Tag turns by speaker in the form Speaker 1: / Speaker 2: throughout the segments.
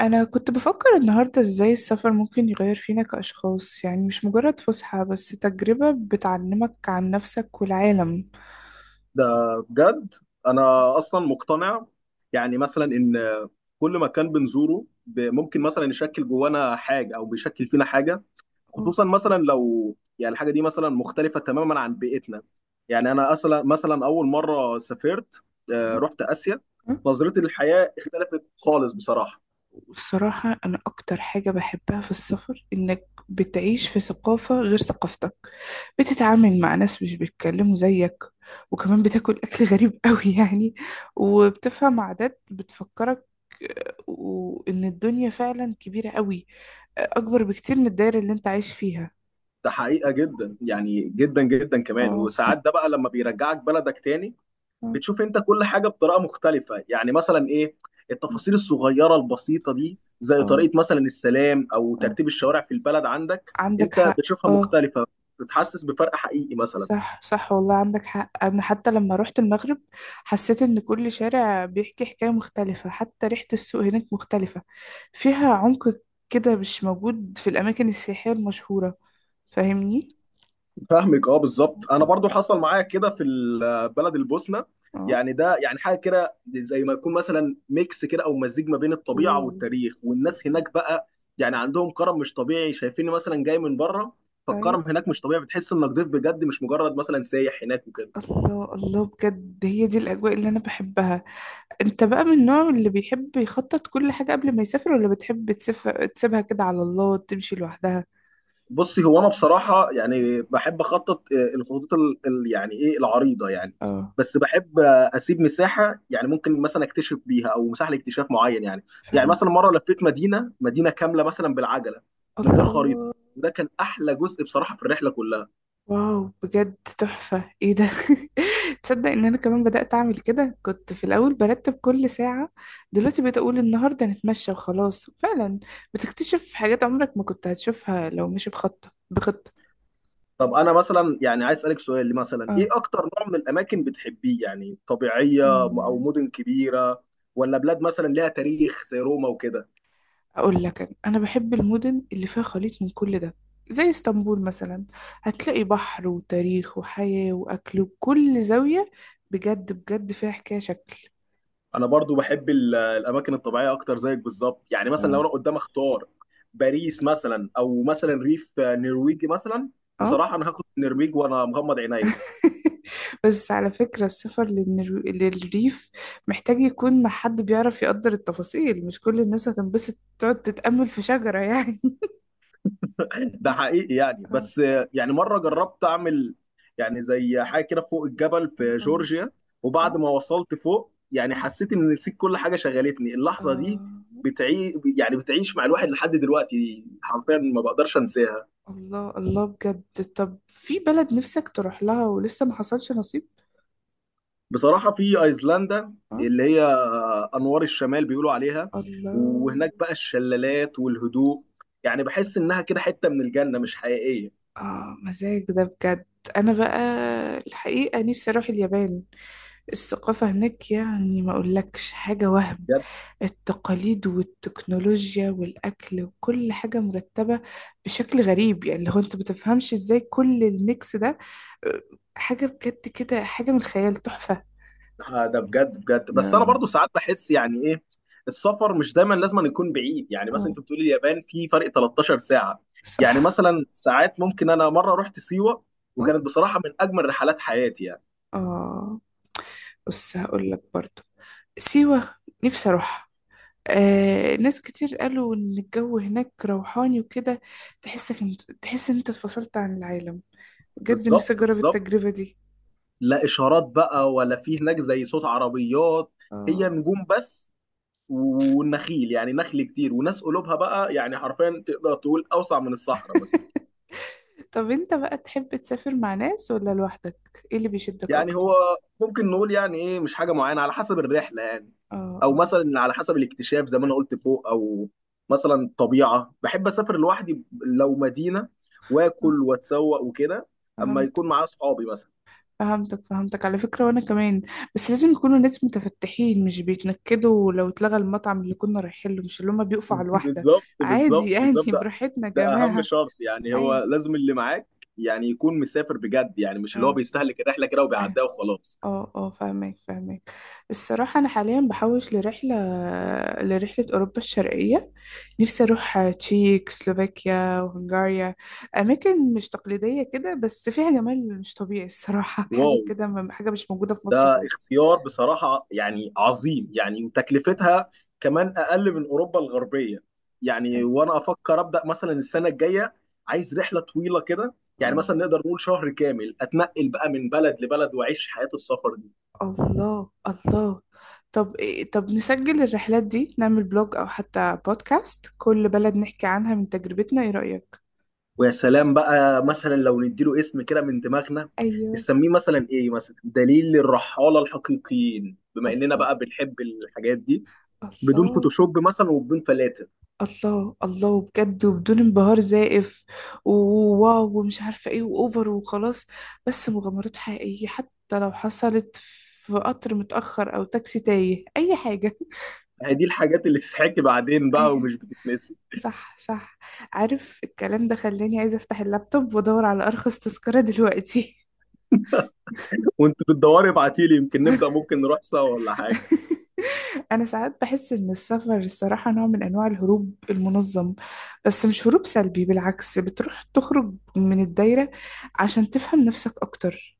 Speaker 1: أنا كنت بفكر النهاردة إزاي السفر ممكن يغير فينا كأشخاص، يعني مش مجرد فسحة بس تجربة بتعلمك عن نفسك والعالم.
Speaker 2: ده بجد. انا اصلا مقتنع. يعني مثلا ان كل مكان بنزوره ممكن مثلا يشكل جوانا حاجه او بيشكل فينا حاجه،
Speaker 1: أه،
Speaker 2: خصوصا مثلا لو الحاجه دي مثلا مختلفه تماما عن بيئتنا. يعني انا اصلا مثلا اول مره سافرت،
Speaker 1: أه،
Speaker 2: رحت اسيا.
Speaker 1: أه.
Speaker 2: نظرتي للحياه اختلفت خالص بصراحه.
Speaker 1: والصراحة أنا أكتر حاجة بحبها في السفر إنك بتعيش في ثقافة غير ثقافتك، بتتعامل مع ناس مش بيتكلموا زيك، وكمان بتاكل أكل غريب قوي يعني، وبتفهم عادات بتفكرك. وإن الدنيا فعلا كبيرة قوي، أكبر بكتير من الدايرة اللي أنت عايش فيها.
Speaker 2: ده حقيقه جدا، يعني جدا جدا كمان.
Speaker 1: اه،
Speaker 2: وساعات ده بقى لما بيرجعك بلدك تاني،
Speaker 1: اه،
Speaker 2: بتشوف انت كل حاجه بطريقه مختلفه. يعني مثلا ايه التفاصيل الصغيره البسيطه دي، زي
Speaker 1: اه،
Speaker 2: طريقه مثلا السلام او
Speaker 1: آه.
Speaker 2: ترتيب الشوارع في البلد عندك،
Speaker 1: عندك
Speaker 2: انت
Speaker 1: حق.
Speaker 2: بتشوفها
Speaker 1: اه.
Speaker 2: مختلفه. بتحسس بفرق حقيقي مثلا.
Speaker 1: صح، صح، والله عندك حق، انا حتى لما روحت المغرب حسيت ان كل شارع بيحكي حكاية مختلفة، حتى ريحة السوق هناك مختلفة، فيها عمق كده مش موجود في الاماكن السياحية المشهورة. فاهمني؟
Speaker 2: فاهمك، اه، بالظبط. انا
Speaker 1: اه،
Speaker 2: برضو حصل معايا كده في بلد البوسنه.
Speaker 1: اه.
Speaker 2: يعني ده يعني حاجه كده زي ما يكون مثلا ميكس كده، او مزيج ما بين الطبيعه
Speaker 1: اوه.
Speaker 2: والتاريخ والناس
Speaker 1: الله.
Speaker 2: هناك بقى. يعني عندهم كرم مش طبيعي، شايفيني مثلا جاي من بره، فالكرم
Speaker 1: ايوه.
Speaker 2: هناك مش طبيعي. بتحس انك ضيف بجد، مش مجرد مثلا سايح هناك وكده.
Speaker 1: الله، الله، بجد هي دي الاجواء اللي انا بحبها. انت بقى من النوع اللي بيحب يخطط كل حاجة قبل ما يسافر، ولا بتحب تسيبها كده على الله تمشي لوحدها؟
Speaker 2: بصي، هو انا بصراحه يعني بحب اخطط، الخطوط يعني ايه العريضه يعني.
Speaker 1: اه.
Speaker 2: بس بحب اسيب مساحه، يعني ممكن مثلا اكتشف بيها، او مساحه لاكتشاف معين يعني. يعني
Speaker 1: فاهم.
Speaker 2: مثلا مره لفيت مدينه كامله مثلا بالعجله، من غير خريطه.
Speaker 1: الله.
Speaker 2: وده كان احلى جزء بصراحه في الرحله كلها.
Speaker 1: واو، بجد تحفة، ايه ده؟ تصدق ان انا كمان بدأت اعمل كده؟ كنت في الاول برتب كل ساعة، دلوقتي بقيت اقول النهاردة نتمشى وخلاص. فعلا بتكتشف حاجات عمرك ما كنت هتشوفها لو مش بخطة بخطة.
Speaker 2: طب انا مثلا يعني عايز اسالك سؤال، مثلا ايه اكتر نوع من الاماكن بتحبيه؟ يعني
Speaker 1: اه.
Speaker 2: طبيعيه او مدن كبيره، ولا بلاد مثلا ليها تاريخ زي روما وكده؟
Speaker 1: اقول لك، أنا بحب المدن اللي فيها خليط من كل ده، زي اسطنبول مثلا. هتلاقي بحر وتاريخ وحياة واكل، وكل زاوية بجد بجد فيها حكاية شكل.
Speaker 2: انا برضو بحب الاماكن الطبيعيه اكتر زيك بالظبط. يعني مثلا لو
Speaker 1: اه.
Speaker 2: انا قدام اختار باريس مثلا، او مثلا ريف نرويجي مثلا،
Speaker 1: آه.
Speaker 2: بصراحه انا هاخد النرويج وانا مغمض عينيا.
Speaker 1: بس على فكرة السفر للريف محتاج يكون مع حد بيعرف يقدر التفاصيل، مش كل الناس هتنبسط تقعد تتأمل في شجرة يعني.
Speaker 2: ده حقيقي يعني.
Speaker 1: اه.
Speaker 2: بس يعني مره جربت اعمل يعني زي حاجه كده فوق الجبل في
Speaker 1: اه.
Speaker 2: جورجيا، وبعد
Speaker 1: اه.
Speaker 2: ما وصلت فوق، يعني
Speaker 1: اه.
Speaker 2: حسيت ان نسيت كل حاجه شغلتني. اللحظه دي
Speaker 1: آه.
Speaker 2: بتعي يعني بتعيش مع الواحد لحد دلوقتي، حرفيا ما بقدرش انساها.
Speaker 1: الله، الله، بجد. طب في بلد نفسك تروح لها ولسه ما حصلش نصيب؟
Speaker 2: بصراحة في أيسلندا،
Speaker 1: آه.
Speaker 2: اللي هي أنوار الشمال بيقولوا عليها،
Speaker 1: الله.
Speaker 2: وهناك بقى الشلالات والهدوء. يعني بحس إنها كده حتة من الجنة، مش حقيقية.
Speaker 1: اه، مزاج ده بجد. انا بقى الحقيقة نفسي اروح اليابان، الثقافة هناك يعني ما اقولكش حاجة، وهم
Speaker 2: بجد
Speaker 1: التقاليد والتكنولوجيا والاكل، وكل حاجة مرتبة بشكل غريب، يعني لو انت بتفهمش ازاي كل الميكس ده. آه، حاجة بجد كده، حاجة من الخيال، تحفة.
Speaker 2: ده بجد بجد. بس أنا
Speaker 1: اه.
Speaker 2: برضو ساعات بحس يعني إيه، السفر مش دايما لازم أن يكون بعيد. يعني مثلا
Speaker 1: آه،
Speaker 2: أنت بتقولي اليابان في فرق 13 ساعة. يعني
Speaker 1: صح.
Speaker 2: مثلا ساعات ممكن، أنا مرة رحت سيوة،
Speaker 1: اه.
Speaker 2: وكانت بصراحة من أجمل رحلات حياتي يعني.
Speaker 1: آه. بص هقولك برضو، سيوة نفسي اروح. ناس كتير قالوا إن الجو هناك روحاني وكده، تحسك انت تحس إن أنت اتفصلت عن العالم. بجد نفسي
Speaker 2: بالظبط
Speaker 1: أجرب
Speaker 2: بالظبط.
Speaker 1: التجربة دي.
Speaker 2: لا إشارات بقى، ولا في هناك زي صوت عربيات، هي
Speaker 1: اه.
Speaker 2: نجوم بس والنخيل، يعني نخل كتير، وناس قلوبها بقى يعني حرفيا تقدر تقول اوسع من الصحراء مثلا.
Speaker 1: طب أنت بقى تحب تسافر مع ناس ولا لوحدك؟ إيه اللي بيشدك
Speaker 2: يعني
Speaker 1: أكتر؟
Speaker 2: هو ممكن نقول يعني ايه، مش حاجه معينه، على حسب الرحله يعني.
Speaker 1: اه،
Speaker 2: او
Speaker 1: اه.
Speaker 2: مثلا على حسب الاكتشاف زي ما انا قلت فوق. او مثلا الطبيعه، بحب اسافر لوحدي لو مدينه،
Speaker 1: آه،
Speaker 2: واكل واتسوق وكده. اما
Speaker 1: فهمتك.
Speaker 2: يكون معايا اصحابي مثلا.
Speaker 1: فهمتك، فهمتك، على فكرة وأنا كمان، بس لازم يكونوا ناس متفتحين، مش بيتنكدوا لو اتلغى المطعم اللي كنا رايحين له، مش اللي هما بيقفوا على الواحدة،
Speaker 2: بالظبط
Speaker 1: عادي
Speaker 2: بالظبط
Speaker 1: يعني.
Speaker 2: بالظبط. ده
Speaker 1: براحتنا يا
Speaker 2: ده اهم
Speaker 1: جماعة.
Speaker 2: شرط، يعني
Speaker 1: أيوه.
Speaker 2: هو لازم اللي معاك يعني يكون مسافر بجد، يعني مش اللي هو
Speaker 1: اه.
Speaker 2: بيستهلك الرحله كده
Speaker 1: آه.
Speaker 2: وبيعديها وخلاص.
Speaker 1: اه، اه، فاهمك، فاهمك. الصراحة أنا حاليا بحوش لرحلة، لرحلة أوروبا الشرقية، نفسي أروح تشيك، سلوفاكيا، وهنغاريا. أماكن مش تقليدية كده، بس فيها جمال مش طبيعي الصراحة.
Speaker 2: واو،
Speaker 1: حاجة كده، حاجة مش موجودة في مصر خالص.
Speaker 2: اختيار بصراحة يعني عظيم يعني. وتكلفتها كمان أقل من أوروبا الغربية. يعني
Speaker 1: أي-
Speaker 2: وأنا أفكر أبدأ مثلا السنة الجاية. عايز رحلة طويلة كده، يعني
Speaker 1: اه.
Speaker 2: مثلا نقدر نقول شهر كامل أتنقل بقى من بلد لبلد، وأعيش حياة السفر دي.
Speaker 1: الله، الله. طب طب نسجل الرحلات دي، نعمل بلوج أو حتى بودكاست، كل بلد نحكي عنها من تجربتنا، إيه رأيك؟
Speaker 2: ويا سلام بقى مثلا لو نديله اسم كده من دماغنا،
Speaker 1: أيوه.
Speaker 2: نسميه مثلا إيه، مثلا دليل الرحالة الحقيقيين، بما إننا
Speaker 1: الله.
Speaker 2: بقى بنحب الحاجات دي. بدون
Speaker 1: الله.
Speaker 2: فوتوشوب مثلا وبدون فلاتر.
Speaker 1: الله، الله، بجد، وبدون انبهار زائف، وواو ومش عارفة ايه، واوفر وخلاص. بس مغامرات حقيقية، حتى لو حصلت في قطر متأخر او تاكسي تايه، اي حاجة.
Speaker 2: هي دي الحاجات اللي تتحكي بعدين بقى
Speaker 1: اي.
Speaker 2: ومش بتتنسي.
Speaker 1: صح، صح. عارف الكلام ده خلاني عايزة افتح اللابتوب وادور على ارخص تذكرة دلوقتي.
Speaker 2: وانت بتدوري ابعتي لي، يمكن نبدا، ممكن نروح سوا ولا حاجه.
Speaker 1: انا ساعات بحس ان السفر الصراحة نوع من انواع الهروب المنظم، بس مش هروب سلبي، بالعكس، بتروح تخرج من الدايرة عشان تفهم نفسك اكتر.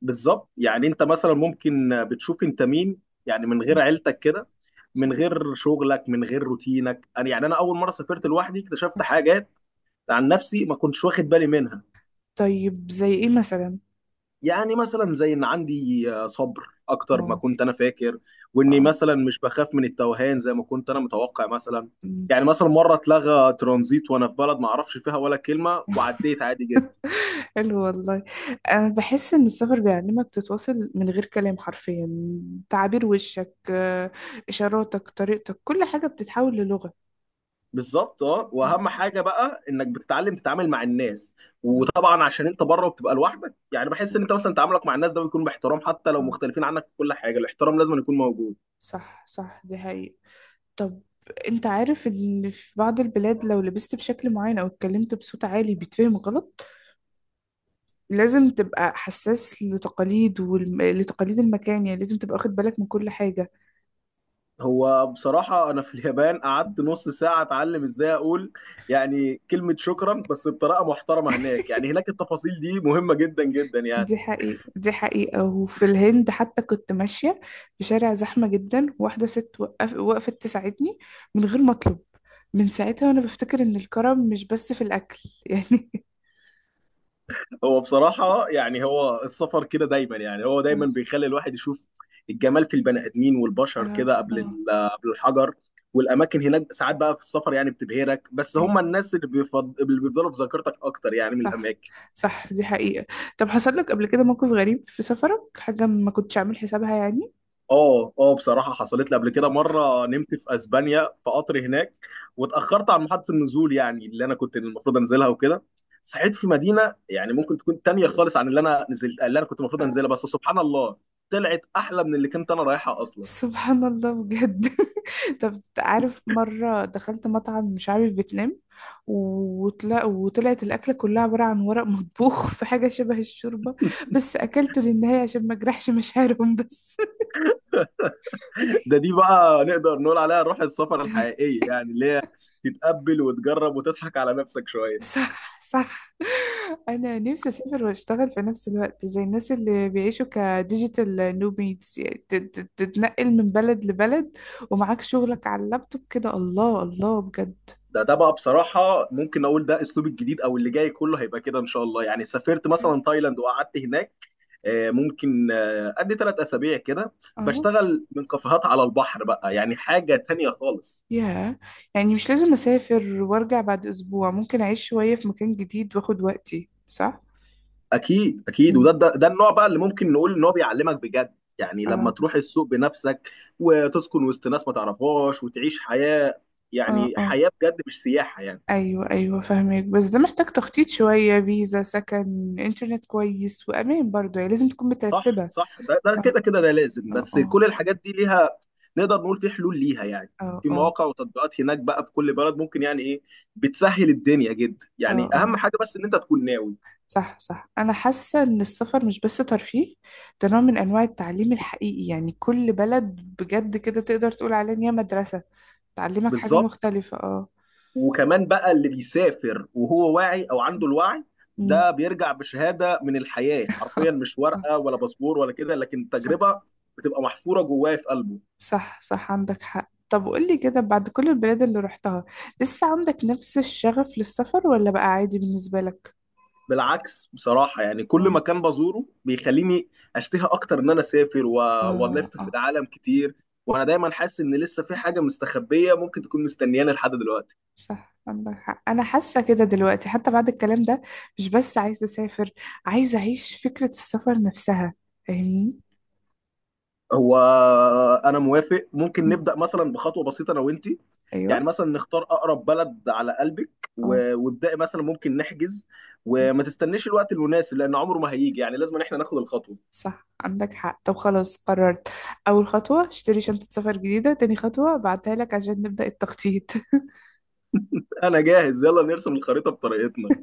Speaker 2: بالظبط، يعني انت مثلا ممكن بتشوف انت مين، يعني من غير عيلتك كده،
Speaker 1: صح.
Speaker 2: من غير شغلك، من غير روتينك. انا يعني انا اول مره سافرت لوحدي اكتشفت حاجات عن نفسي ما كنتش واخد بالي منها.
Speaker 1: طيب زي ايه مثلا؟
Speaker 2: يعني مثلا زي ان عندي صبر اكتر ما
Speaker 1: واو.
Speaker 2: كنت انا فاكر. واني
Speaker 1: اه.
Speaker 2: مثلا مش بخاف من التوهان زي ما كنت انا متوقع مثلا.
Speaker 1: أمم.
Speaker 2: يعني مثلا مره اتلغى ترانزيت وانا في بلد ما اعرفش فيها ولا كلمه، وعديت عادي جدا.
Speaker 1: حلو والله. انا بحس ان السفر بيعلمك تتواصل من غير كلام حرفيا، تعابير وشك، اشاراتك، طريقتك، كل حاجة بتتحول للغة.
Speaker 2: بالظبط، اه.
Speaker 1: آه.
Speaker 2: واهم حاجه بقى انك بتتعلم تتعامل مع الناس.
Speaker 1: آه.
Speaker 2: وطبعا عشان انت بره وبتبقى لوحدك، يعني بحس ان انت مثلا تعاملك مع الناس ده بيكون باحترام. حتى لو
Speaker 1: آه.
Speaker 2: مختلفين عنك في كل حاجه، الاحترام لازم يكون موجود.
Speaker 1: صح، صح، دي حقيقة. طب، انت عارف ان في بعض البلاد لو لبست بشكل معين او اتكلمت بصوت عالي بيتفهم غلط، لازم تبقى حساس لتقاليد، ولتقاليد المكان، يعني لازم تبقى واخد بالك من كل حاجة.
Speaker 2: هو بصراحه انا في اليابان قعدت نص ساعه اتعلم ازاي اقول يعني كلمه شكرا بس بطريقه محترمه هناك. يعني هناك التفاصيل دي مهمه جدا جدا يعني.
Speaker 1: دي حقيقة، دي حقيقة. وفي الهند حتى كنت ماشية في شارع زحمة جدا، واحدة ست وقفت تساعدني من غير ما أطلب. من ساعتها وأنا بفتكر إن الكرم مش بس في الأكل. يعني
Speaker 2: هو بصراحة يعني هو السفر كده دايما، يعني هو دايما
Speaker 1: اه،
Speaker 2: بيخلي الواحد يشوف الجمال في البني آدمين والبشر
Speaker 1: اه.
Speaker 2: كده قبل
Speaker 1: اه.
Speaker 2: قبل الحجر. والأماكن هناك ساعات بقى في السفر يعني بتبهرك، بس
Speaker 1: ايه.
Speaker 2: هم الناس اللي بيفضلوا في ذاكرتك أكتر يعني من
Speaker 1: صح.
Speaker 2: الأماكن.
Speaker 1: صح، دي حقيقة. طب حصل لك قبل كده موقف غريب في سفرك، حاجة ما كنتش عامل حسابها يعني؟
Speaker 2: اه اه، بصراحة حصلت لي قبل كده مرة نمت في اسبانيا في قطر هناك، واتأخرت عن محطة النزول يعني اللي انا كنت المفروض انزلها وكده. صحيت في مدينة يعني ممكن تكون تانية خالص عن اللي انا نزلت، اللي انا كنت المفروض انزلها، بس سبحان الله طلعت احلى من اللي كنت انا رايحها اصلا.
Speaker 1: سبحان الله بجد. طب عارف مرة دخلت مطعم مش عارف فيتنام، وطلعت الأكلة كلها عبارة عن ورق مطبوخ في حاجة شبه الشوربة، بس أكلته للنهاية عشان ما أجرحش مشاعرهم بس.
Speaker 2: ده دي بقى نقدر نقول عليها روح السفر الحقيقية، يعني اللي هي تتقبل وتجرب وتضحك على نفسك شوية.
Speaker 1: صح، صح. أنا نفسي أسافر وأشتغل في نفس الوقت، زي الناس اللي بيعيشوا كديجيتال نوميدز يعني، تتنقل من بلد لبلد ومعاك شغلك على اللابتوب كده. الله، الله، بجد.
Speaker 2: ده بقى بصراحة ممكن اقول ده اسلوب الجديد، او اللي جاي كله هيبقى كده ان شاء الله. يعني سافرت
Speaker 1: أوكي.
Speaker 2: مثلا تايلاند وقعدت هناك، ممكن ادي 3 اسابيع كده
Speaker 1: أه.
Speaker 2: بشتغل من كافيهات على البحر بقى، يعني حاجه تانية خالص.
Speaker 1: ياه. يعني مش لازم أسافر وأرجع بعد أسبوع، ممكن أعيش شوية في مكان جديد وأخد وقتي، صح؟
Speaker 2: اكيد اكيد.
Speaker 1: مم.
Speaker 2: وده ده, ده النوع بقى اللي ممكن نقول ان هو بيعلمك بجد، يعني لما
Speaker 1: اه،
Speaker 2: تروح السوق بنفسك وتسكن وسط ناس ما تعرفهاش وتعيش حياه،
Speaker 1: اه.
Speaker 2: يعني
Speaker 1: اه.
Speaker 2: حياه بجد مش سياحه يعني.
Speaker 1: أيوه، أيوه، فاهمك، بس ده محتاج تخطيط شوية، فيزا، سكن، إنترنت كويس، وأمان برضه، يعني لازم تكون
Speaker 2: صح
Speaker 1: مترتبة.
Speaker 2: صح. ده ده
Speaker 1: اه،
Speaker 2: كده كده ده لازم.
Speaker 1: اه.
Speaker 2: بس
Speaker 1: اه،
Speaker 2: كل الحاجات دي ليها، نقدر نقول، في حلول ليها يعني.
Speaker 1: اه.
Speaker 2: في
Speaker 1: اه،
Speaker 2: مواقع وتطبيقات هناك بقى في كل بلد، ممكن يعني ايه بتسهل الدنيا جدا.
Speaker 1: اه.
Speaker 2: يعني
Speaker 1: اه.
Speaker 2: اهم حاجه بس ان انت تكون ناوي.
Speaker 1: صح، صح. أنا حاسة إن السفر مش بس ترفيه، ده نوع من أنواع التعليم الحقيقي، يعني كل بلد بجد كده تقدر تقول عليها إن هي مدرسة تعلمك حاجة
Speaker 2: بالظبط.
Speaker 1: مختلفة.
Speaker 2: وكمان بقى اللي بيسافر وهو واعي او عنده الوعي،
Speaker 1: اه.
Speaker 2: ده بيرجع بشهاده من الحياه
Speaker 1: آه.
Speaker 2: حرفيا، مش
Speaker 1: آه.
Speaker 2: ورقه ولا باسبور ولا كده، لكن
Speaker 1: صح.
Speaker 2: تجربه بتبقى محفوره جواه في قلبه.
Speaker 1: صح، صح، عندك حق. طب قولي كده، بعد كل البلاد اللي رحتها، لسه عندك نفس الشغف للسفر ولا بقى عادي بالنسبة لك؟
Speaker 2: بالعكس بصراحه، يعني كل
Speaker 1: اه،
Speaker 2: مكان بزوره بيخليني اشتهي اكتر ان انا اسافر،
Speaker 1: اه.
Speaker 2: والف
Speaker 1: اه.
Speaker 2: في العالم كتير. وانا دايما حاسس ان لسه في حاجه مستخبيه ممكن تكون مستنياني لحد دلوقتي.
Speaker 1: صح عندك حق، انا حاسة كده دلوقتي حتى بعد الكلام ده، مش بس عايزة اسافر، عايزة اعيش فكرة السفر نفسها. فاهمني؟
Speaker 2: هو انا موافق، ممكن
Speaker 1: مم.
Speaker 2: نبدا مثلا بخطوه بسيطه انا وانت. يعني
Speaker 1: ايوه.
Speaker 2: مثلا نختار اقرب بلد على قلبك،
Speaker 1: اه.
Speaker 2: وابداي مثلا، ممكن نحجز. وما
Speaker 1: ماشي.
Speaker 2: تستنيش الوقت المناسب لان عمره ما هيجي، يعني لازم إن احنا ناخد الخطوه.
Speaker 1: صح عندك حق. طب خلاص، قررت، اول خطوة اشتري شنطة سفر جديدة، تاني خطوة بعتها لك عشان نبدأ التخطيط.
Speaker 2: انا جاهز، يلا نرسم الخريطه بطريقتنا.